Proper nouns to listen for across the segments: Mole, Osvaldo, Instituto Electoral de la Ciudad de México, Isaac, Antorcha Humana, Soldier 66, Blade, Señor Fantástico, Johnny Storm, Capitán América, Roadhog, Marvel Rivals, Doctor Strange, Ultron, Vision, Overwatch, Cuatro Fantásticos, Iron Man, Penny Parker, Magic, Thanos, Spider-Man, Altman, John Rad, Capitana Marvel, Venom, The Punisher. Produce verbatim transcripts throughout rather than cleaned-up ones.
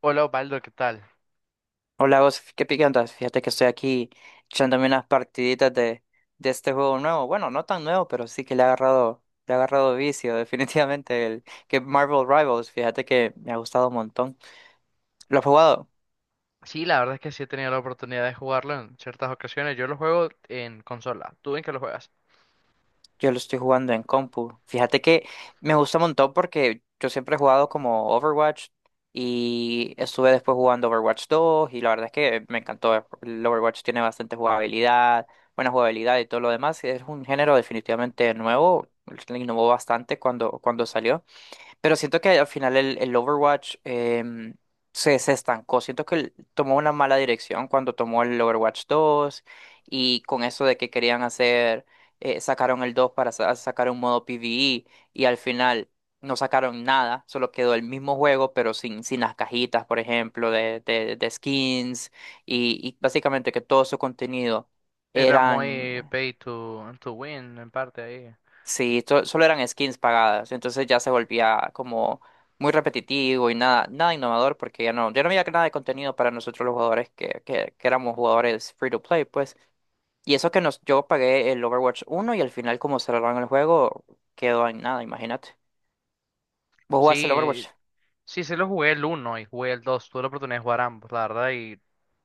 Hola Osvaldo, ¿qué tal? Hola, vos, qué pique andas. Fíjate que estoy aquí echándome unas partiditas de, de este juego nuevo. Bueno, no tan nuevo, pero sí que le ha agarrado, le ha agarrado vicio, definitivamente. El que Marvel Rivals, fíjate que me ha gustado un montón. ¿Lo has jugado? Sí, la verdad es que sí he tenido la oportunidad de jugarlo en ciertas ocasiones. Yo lo juego en consola. ¿Tú en qué lo juegas? Yo lo estoy jugando en compu. Fíjate que me gusta un montón porque yo siempre he jugado como Overwatch y estuve después jugando Overwatch dos y la verdad es que me encantó. El Overwatch tiene bastante jugabilidad, buena jugabilidad y todo lo demás. Es un género definitivamente nuevo. Innovó bastante cuando, cuando salió. Pero siento que al final el, el Overwatch em, se, se estancó. Siento que el- tomó una mala dirección cuando tomó el Overwatch dos y con eso de que querían hacer, eh, sacaron el dos para sa- sacar un modo PvE y al final no sacaron nada, solo quedó el mismo juego pero sin, sin las cajitas, por ejemplo, de, de, de skins y, y básicamente que todo su contenido Era eran... muy pay to, to win en parte ahí. Sí, to- solo eran skins pagadas, entonces ya se volvía como muy repetitivo y nada, nada innovador porque ya no, ya no había nada de contenido para nosotros los jugadores que, que, que éramos jugadores free to play, pues. Y eso que nos, yo pagué el Overwatch uno y al final como cerraron el juego, quedó en nada, imagínate. Vos jugaste el Sí, Overwatch, sí, sí lo jugué el uno y jugué el dos. Tuve la oportunidad de jugar ambos, la verdad. Y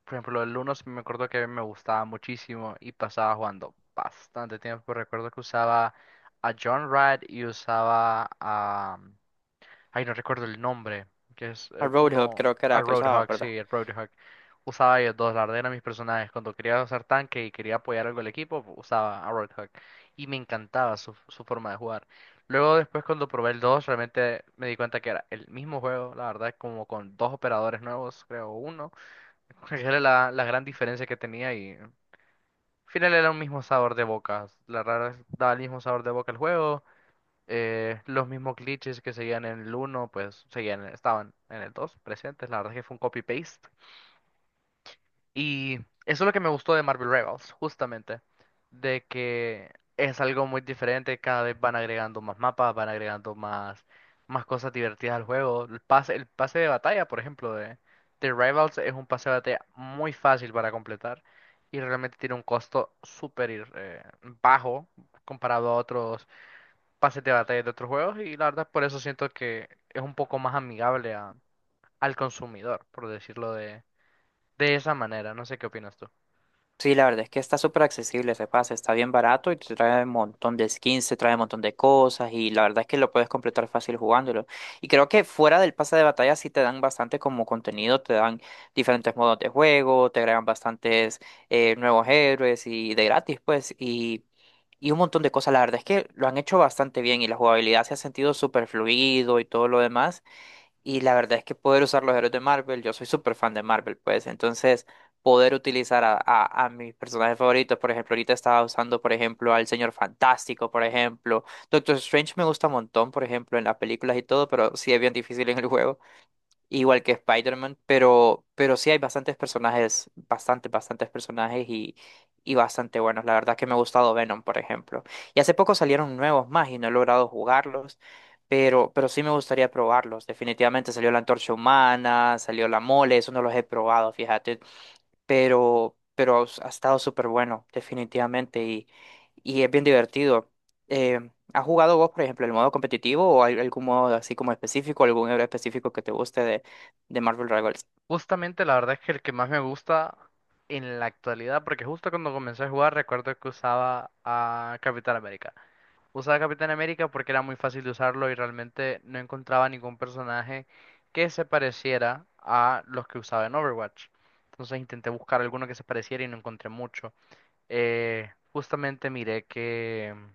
por ejemplo, el uno, sí me acuerdo que a mí me gustaba muchísimo y pasaba jugando bastante tiempo. Recuerdo que usaba a John Rad y usaba a... Ay, no recuerdo el nombre, que es eh, al Roadhog uno, creo que al era que usaba, Roadhog, ¿verdad? sí, el Roadhog. Usaba ellos dos, la verdad eran mis personajes. Cuando quería usar tanque y quería apoyar algo al equipo, usaba a Roadhog. Y me encantaba su, su forma de jugar. Luego después cuando probé el dos, realmente me di cuenta que era el mismo juego, la verdad, como con dos operadores nuevos, creo uno. Era la, la gran diferencia que tenía y al final era un mismo sabor de boca. La verdad, daba el mismo sabor de boca el juego. Eh, los mismos glitches que seguían en el uno, pues seguían, estaban en el dos presentes. La verdad es que fue un copy-paste. Y eso es lo que me gustó de Marvel Rivals, justamente. De que es algo muy diferente. Cada vez van agregando más mapas, van agregando más, más cosas divertidas al juego. El pase, el pase de batalla, por ejemplo, de, de Rivals es un pase de batalla muy fácil para completar. Y realmente tiene un costo súper ir- eh, bajo comparado a otros pases de batalla de otros juegos y la verdad por eso siento que es un poco más amigable a- al consumidor, por decirlo de, de esa manera. No sé qué opinas tú. Sí, la verdad es que está súper accesible ese pase, está bien barato y te trae un montón de skins, te trae un montón de cosas y la verdad es que lo puedes completar fácil jugándolo. Y creo que fuera del pase de batalla sí te dan bastante como contenido, te dan diferentes modos de juego, te agregan bastantes eh, nuevos héroes y de gratis pues y, y un montón de cosas. La verdad es que lo han hecho bastante bien y la jugabilidad se ha sentido súper fluido y todo lo demás. Y la verdad es que poder usar los héroes de Marvel, yo soy súper fan de Marvel, pues. Entonces, poder utilizar a, a- a mis personajes favoritos, por ejemplo, ahorita estaba usando, por ejemplo, al Señor Fantástico, por ejemplo. Doctor Strange me gusta un montón, por ejemplo, en las películas y todo, pero sí es bien difícil en el juego. Igual que Spider-Man, pero, pero sí hay bastantes personajes, bastante bastantes personajes y, y bastante buenos. La verdad que me ha gustado Venom, por ejemplo. Y hace poco salieron nuevos más y no he logrado jugarlos, pero, pero sí me gustaría probarlos. Definitivamente salió la Antorcha Humana, salió la Mole, eso no los he probado, fíjate pero, pero ha estado súper bueno, definitivamente, y, y es bien divertido. Eh, ¿has jugado vos, por ejemplo, el modo competitivo o al- algún modo así como específico, algún héroe específico que te guste de, de Marvel Rivals? Justamente la verdad es que el que más me gusta en la actualidad, porque justo cuando comencé a jugar recuerdo que usaba a Capitán América. Usaba Capitán América porque era muy fácil de usarlo y realmente no encontraba ningún personaje que se pareciera a los que usaba en Overwatch. Entonces intenté buscar alguno que se pareciera y no encontré mucho. Eh, justamente miré que... mm,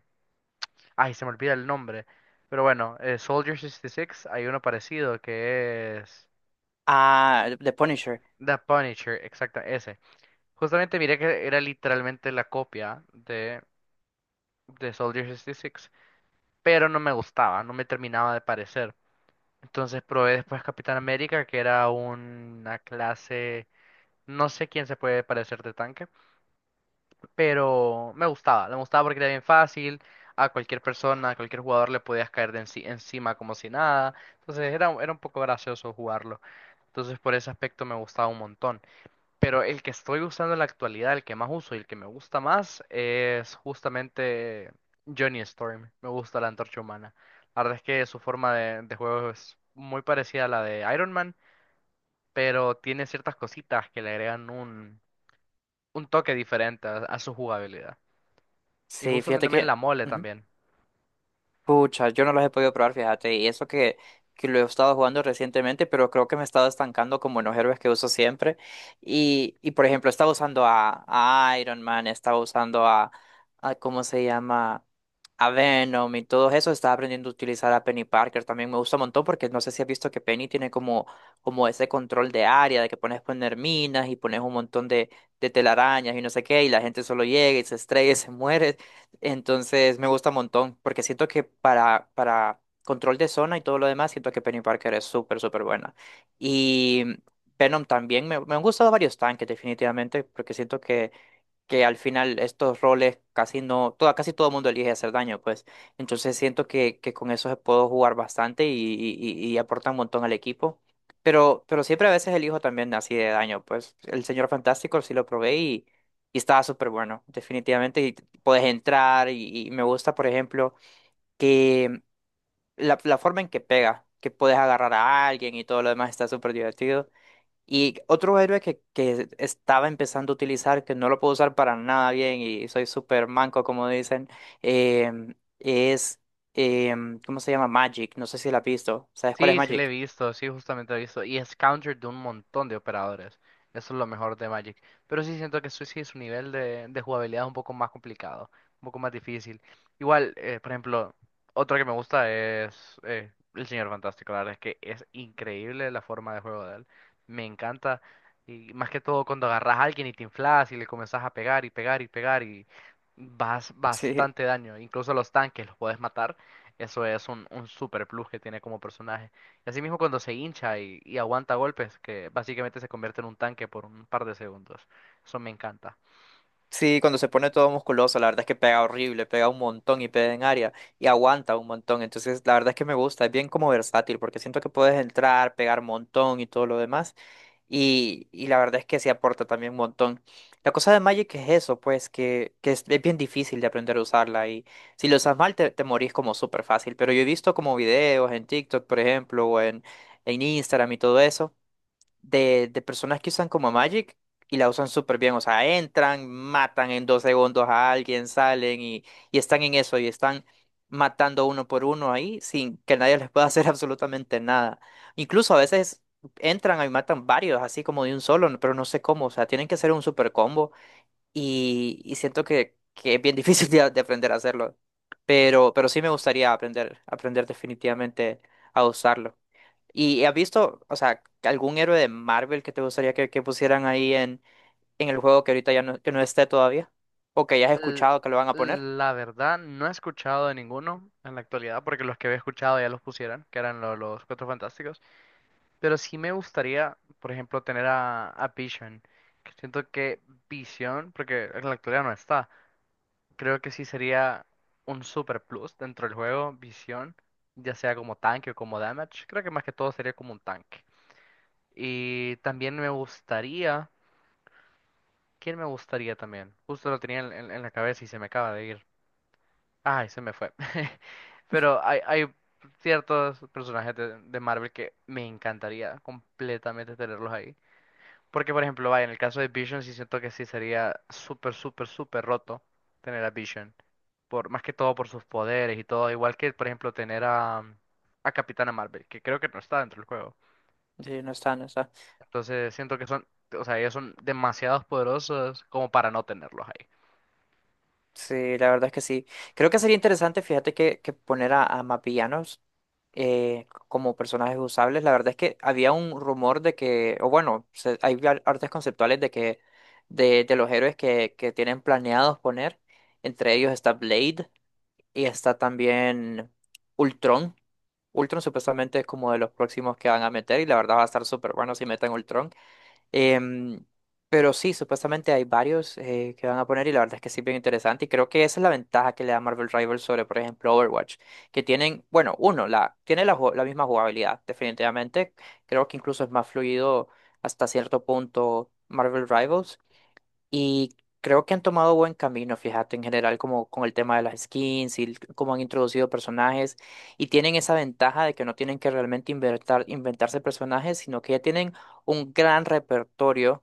Ay, se me olvida el nombre. Pero bueno, eh, Soldier sesenta y seis, hay uno parecido que es Ah, The Punisher. The Punisher, exacto, ese. Justamente miré que era literalmente la copia de, de Soldier sesenta y seis, pero no me gustaba, no me terminaba de parecer. Entonces probé después Capitán América, que era una clase... No sé quién se puede parecer de tanque, pero me gustaba, me gustaba porque era bien fácil, a cualquier persona, a cualquier jugador le podías caer de enci- encima como si nada, entonces era, era un poco gracioso jugarlo, entonces por ese aspecto me gustaba un montón, pero el que estoy usando en la actualidad, el que más uso y el que me gusta más es justamente Johnny Storm, me gusta la Antorcha Humana, la verdad es que su forma de, de juego es muy parecida a la de Iron Man, pero tiene ciertas cositas que le agregan un, un toque diferente a a su jugabilidad. Y Sí, justamente fíjate también que... la mole Ujú. también. Pucha, yo no los he podido probar, fíjate, y eso que, que lo he estado jugando recientemente, pero creo que me he estado estancando como en los héroes que uso siempre. Y, y por ejemplo, estaba usando a, a Iron Man, estaba usando a, a, ¿cómo se llama? A Venom y todo eso. Estaba aprendiendo a utilizar a Penny Parker. También me gusta un montón porque no sé si has visto que Penny tiene como, como ese control de área, de que pones poner minas y pones un montón de, de telarañas y no sé qué, y la gente solo llega y se estrella y se muere. Entonces me gusta un montón, porque siento que para, para control de zona y todo lo demás, siento que Penny Parker es súper, súper buena. Y Venom también, me, me han gustado varios tanques definitivamente, porque siento que que al final estos roles casi no, toda, casi todo el mundo elige hacer daño, pues. Entonces siento que, que con eso se puedo jugar bastante y, y, y- y aporta un montón al equipo. Pero, pero siempre a veces elijo también así de daño, pues. El Señor Fantástico sí lo probé y, y estaba súper bueno, definitivamente. Y puedes entrar y, y me gusta, por ejemplo, que la, la forma en que pega, que puedes agarrar a alguien y todo lo demás está súper divertido. Y otro héroe que, que estaba empezando a utilizar, que no lo puedo usar para nada bien y soy súper manco, como dicen, em, es, em, ¿cómo se llama? Magic. No sé si la has visto. ¿Sabes cuál es Sí, sí le he Magic? visto, sí, justamente he visto. Y es counter de un montón de operadores. Eso es lo mejor de Magic. Pero sí siento que su, sí, su nivel de, de jugabilidad es un poco más complicado, un poco más difícil. Igual, eh, por ejemplo, otro que me gusta es eh, el Señor Fantástico. La verdad es que es increíble la forma de juego de él. Me encanta. Y más que todo cuando agarras a alguien y te inflas y le comenzás a pegar y pegar y pegar y vas Sí, bastante daño. Incluso a los tanques los puedes matar. Eso es un, un super plus que tiene como personaje. Y así mismo cuando se hincha y, y aguanta golpes, que básicamente se convierte en un tanque por un par de segundos. Eso me encanta. sí, cuando se pone todo musculoso, la verdad es que pega horrible, pega un montón y pega en área y aguanta un montón. Entonces, la verdad es que me gusta, es bien como versátil porque siento que puedes entrar, pegar un montón y todo lo demás. Y, y la verdad es que se aporta también un montón. La cosa de Magic es eso, pues, que, que es, es bien difícil de aprender a usarla. Y si lo usas mal, te, te morís como súper fácil. Pero yo he visto como videos en TikTok, por ejemplo, o en, en Instagram y todo eso de, de personas que usan como Magic y la usan súper bien. O sea, entran, matan en dos segundos a alguien, salen y, y están en eso y están matando uno por uno ahí sin que nadie les pueda hacer absolutamente nada. Incluso a veces entran y matan varios, así como de un solo, pero no sé cómo. O sea, tienen que hacer un super combo y, y siento que, que es bien difícil de, de aprender a hacerlo. Pero, pero sí me gustaría aprender, aprender definitivamente a usarlo. ¿Y has visto, o sea, algún héroe de Marvel que te gustaría que, que pusieran ahí en, en el juego que ahorita ya no, que no esté todavía? ¿O que hayas L- escuchado que lo van a poner? la verdad, no he escuchado de ninguno en la actualidad, porque los que había escuchado ya los pusieron, que eran lo- los Cuatro Fantásticos. Pero sí me gustaría, por ejemplo, tener a, a Vision. Que siento que Vision, porque en la actualidad no está. Creo que sí sería un super plus dentro del juego, visión, ya sea como tanque o como damage. Creo que más que todo sería como un tanque. Y también me gustaría... ¿Quién me gustaría también? Justo lo tenía en, en- en la cabeza y se me acaba de ir. Ay, se me fue. Pero hay, hay ciertos personajes de, de Marvel que me encantaría completamente tenerlos ahí. Porque, por ejemplo, vaya, en el caso de Vision sí siento que sí sería súper, súper, súper roto tener a Vision. Por más que todo por sus poderes y todo, igual que por ejemplo tener a, a Capitana Marvel, que creo que no está dentro del juego. Sí, no está, no está. Entonces siento que son, o sea, ellos son demasiados poderosos como para no tenerlos ahí. Sí, la verdad es que sí. Creo que sería interesante, fíjate, que, que poner a, a más villanos eh, como personajes usables. La verdad es que había un rumor de que, o bueno, se- hay ar- artes conceptuales de que de, de los héroes que, que tienen planeados poner. Entre ellos está Blade y está también Ultron. Ultron supuestamente es como de los próximos que van a meter y la verdad va a estar súper bueno si meten Ultron. Em, pero sí, supuestamente hay varios eh, que van a poner y la verdad es que sí, bien interesante. Y creo que esa es la ventaja que le da Marvel Rivals sobre, por ejemplo, Overwatch, que tienen, bueno, uno, la, tiene la, ju- la misma jugabilidad, definitivamente. Creo que incluso es más fluido hasta cierto punto Marvel Rivals. Y creo que han tomado buen camino, fíjate, en general, como con el tema de las skins y el- cómo han introducido personajes. Y tienen esa ventaja de que no tienen que realmente inventar, inventarse personajes, sino que ya tienen un gran repertorio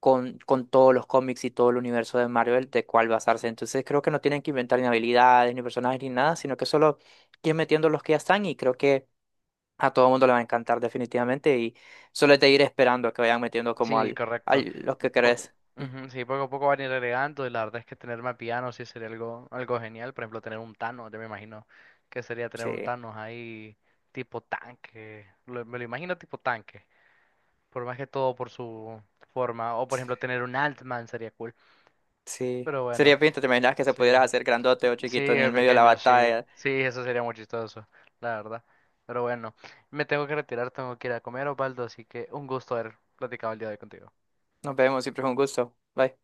con, con todos los cómics y todo el universo de Marvel de cuál basarse. Entonces creo que no tienen que inventar ni habilidades, ni personajes, ni nada, sino que solo ir metiendo los que ya están. Y creo que a todo el mundo le va a encantar definitivamente. Y solo es de ir esperando a que vayan metiendo como Sí, al, correcto. al los que Poco- querés. Ujú, sí, poco a poco van a ir agregando y la verdad es que tener más villanos sí sería algo, algo genial. Por ejemplo, tener un Thanos, yo me imagino que sería tener un Sí. Thanos ahí tipo tanque. Lo- me lo imagino tipo tanque, por más que todo por su forma. O por ejemplo, tener un Altman sería cool. Sí. Pero bueno, Sería pinta, ¿te imaginas que se sí. pudieras hacer grandote o Sí, chiquito en de el medio de la pequeño, sí. batalla? Sí, eso sería muy chistoso, la verdad. Pero bueno, me tengo que retirar, tengo que ir a comer, Osvaldo, así que un gusto haber platicado el día de hoy contigo. Nos vemos, siempre es un gusto. Bye.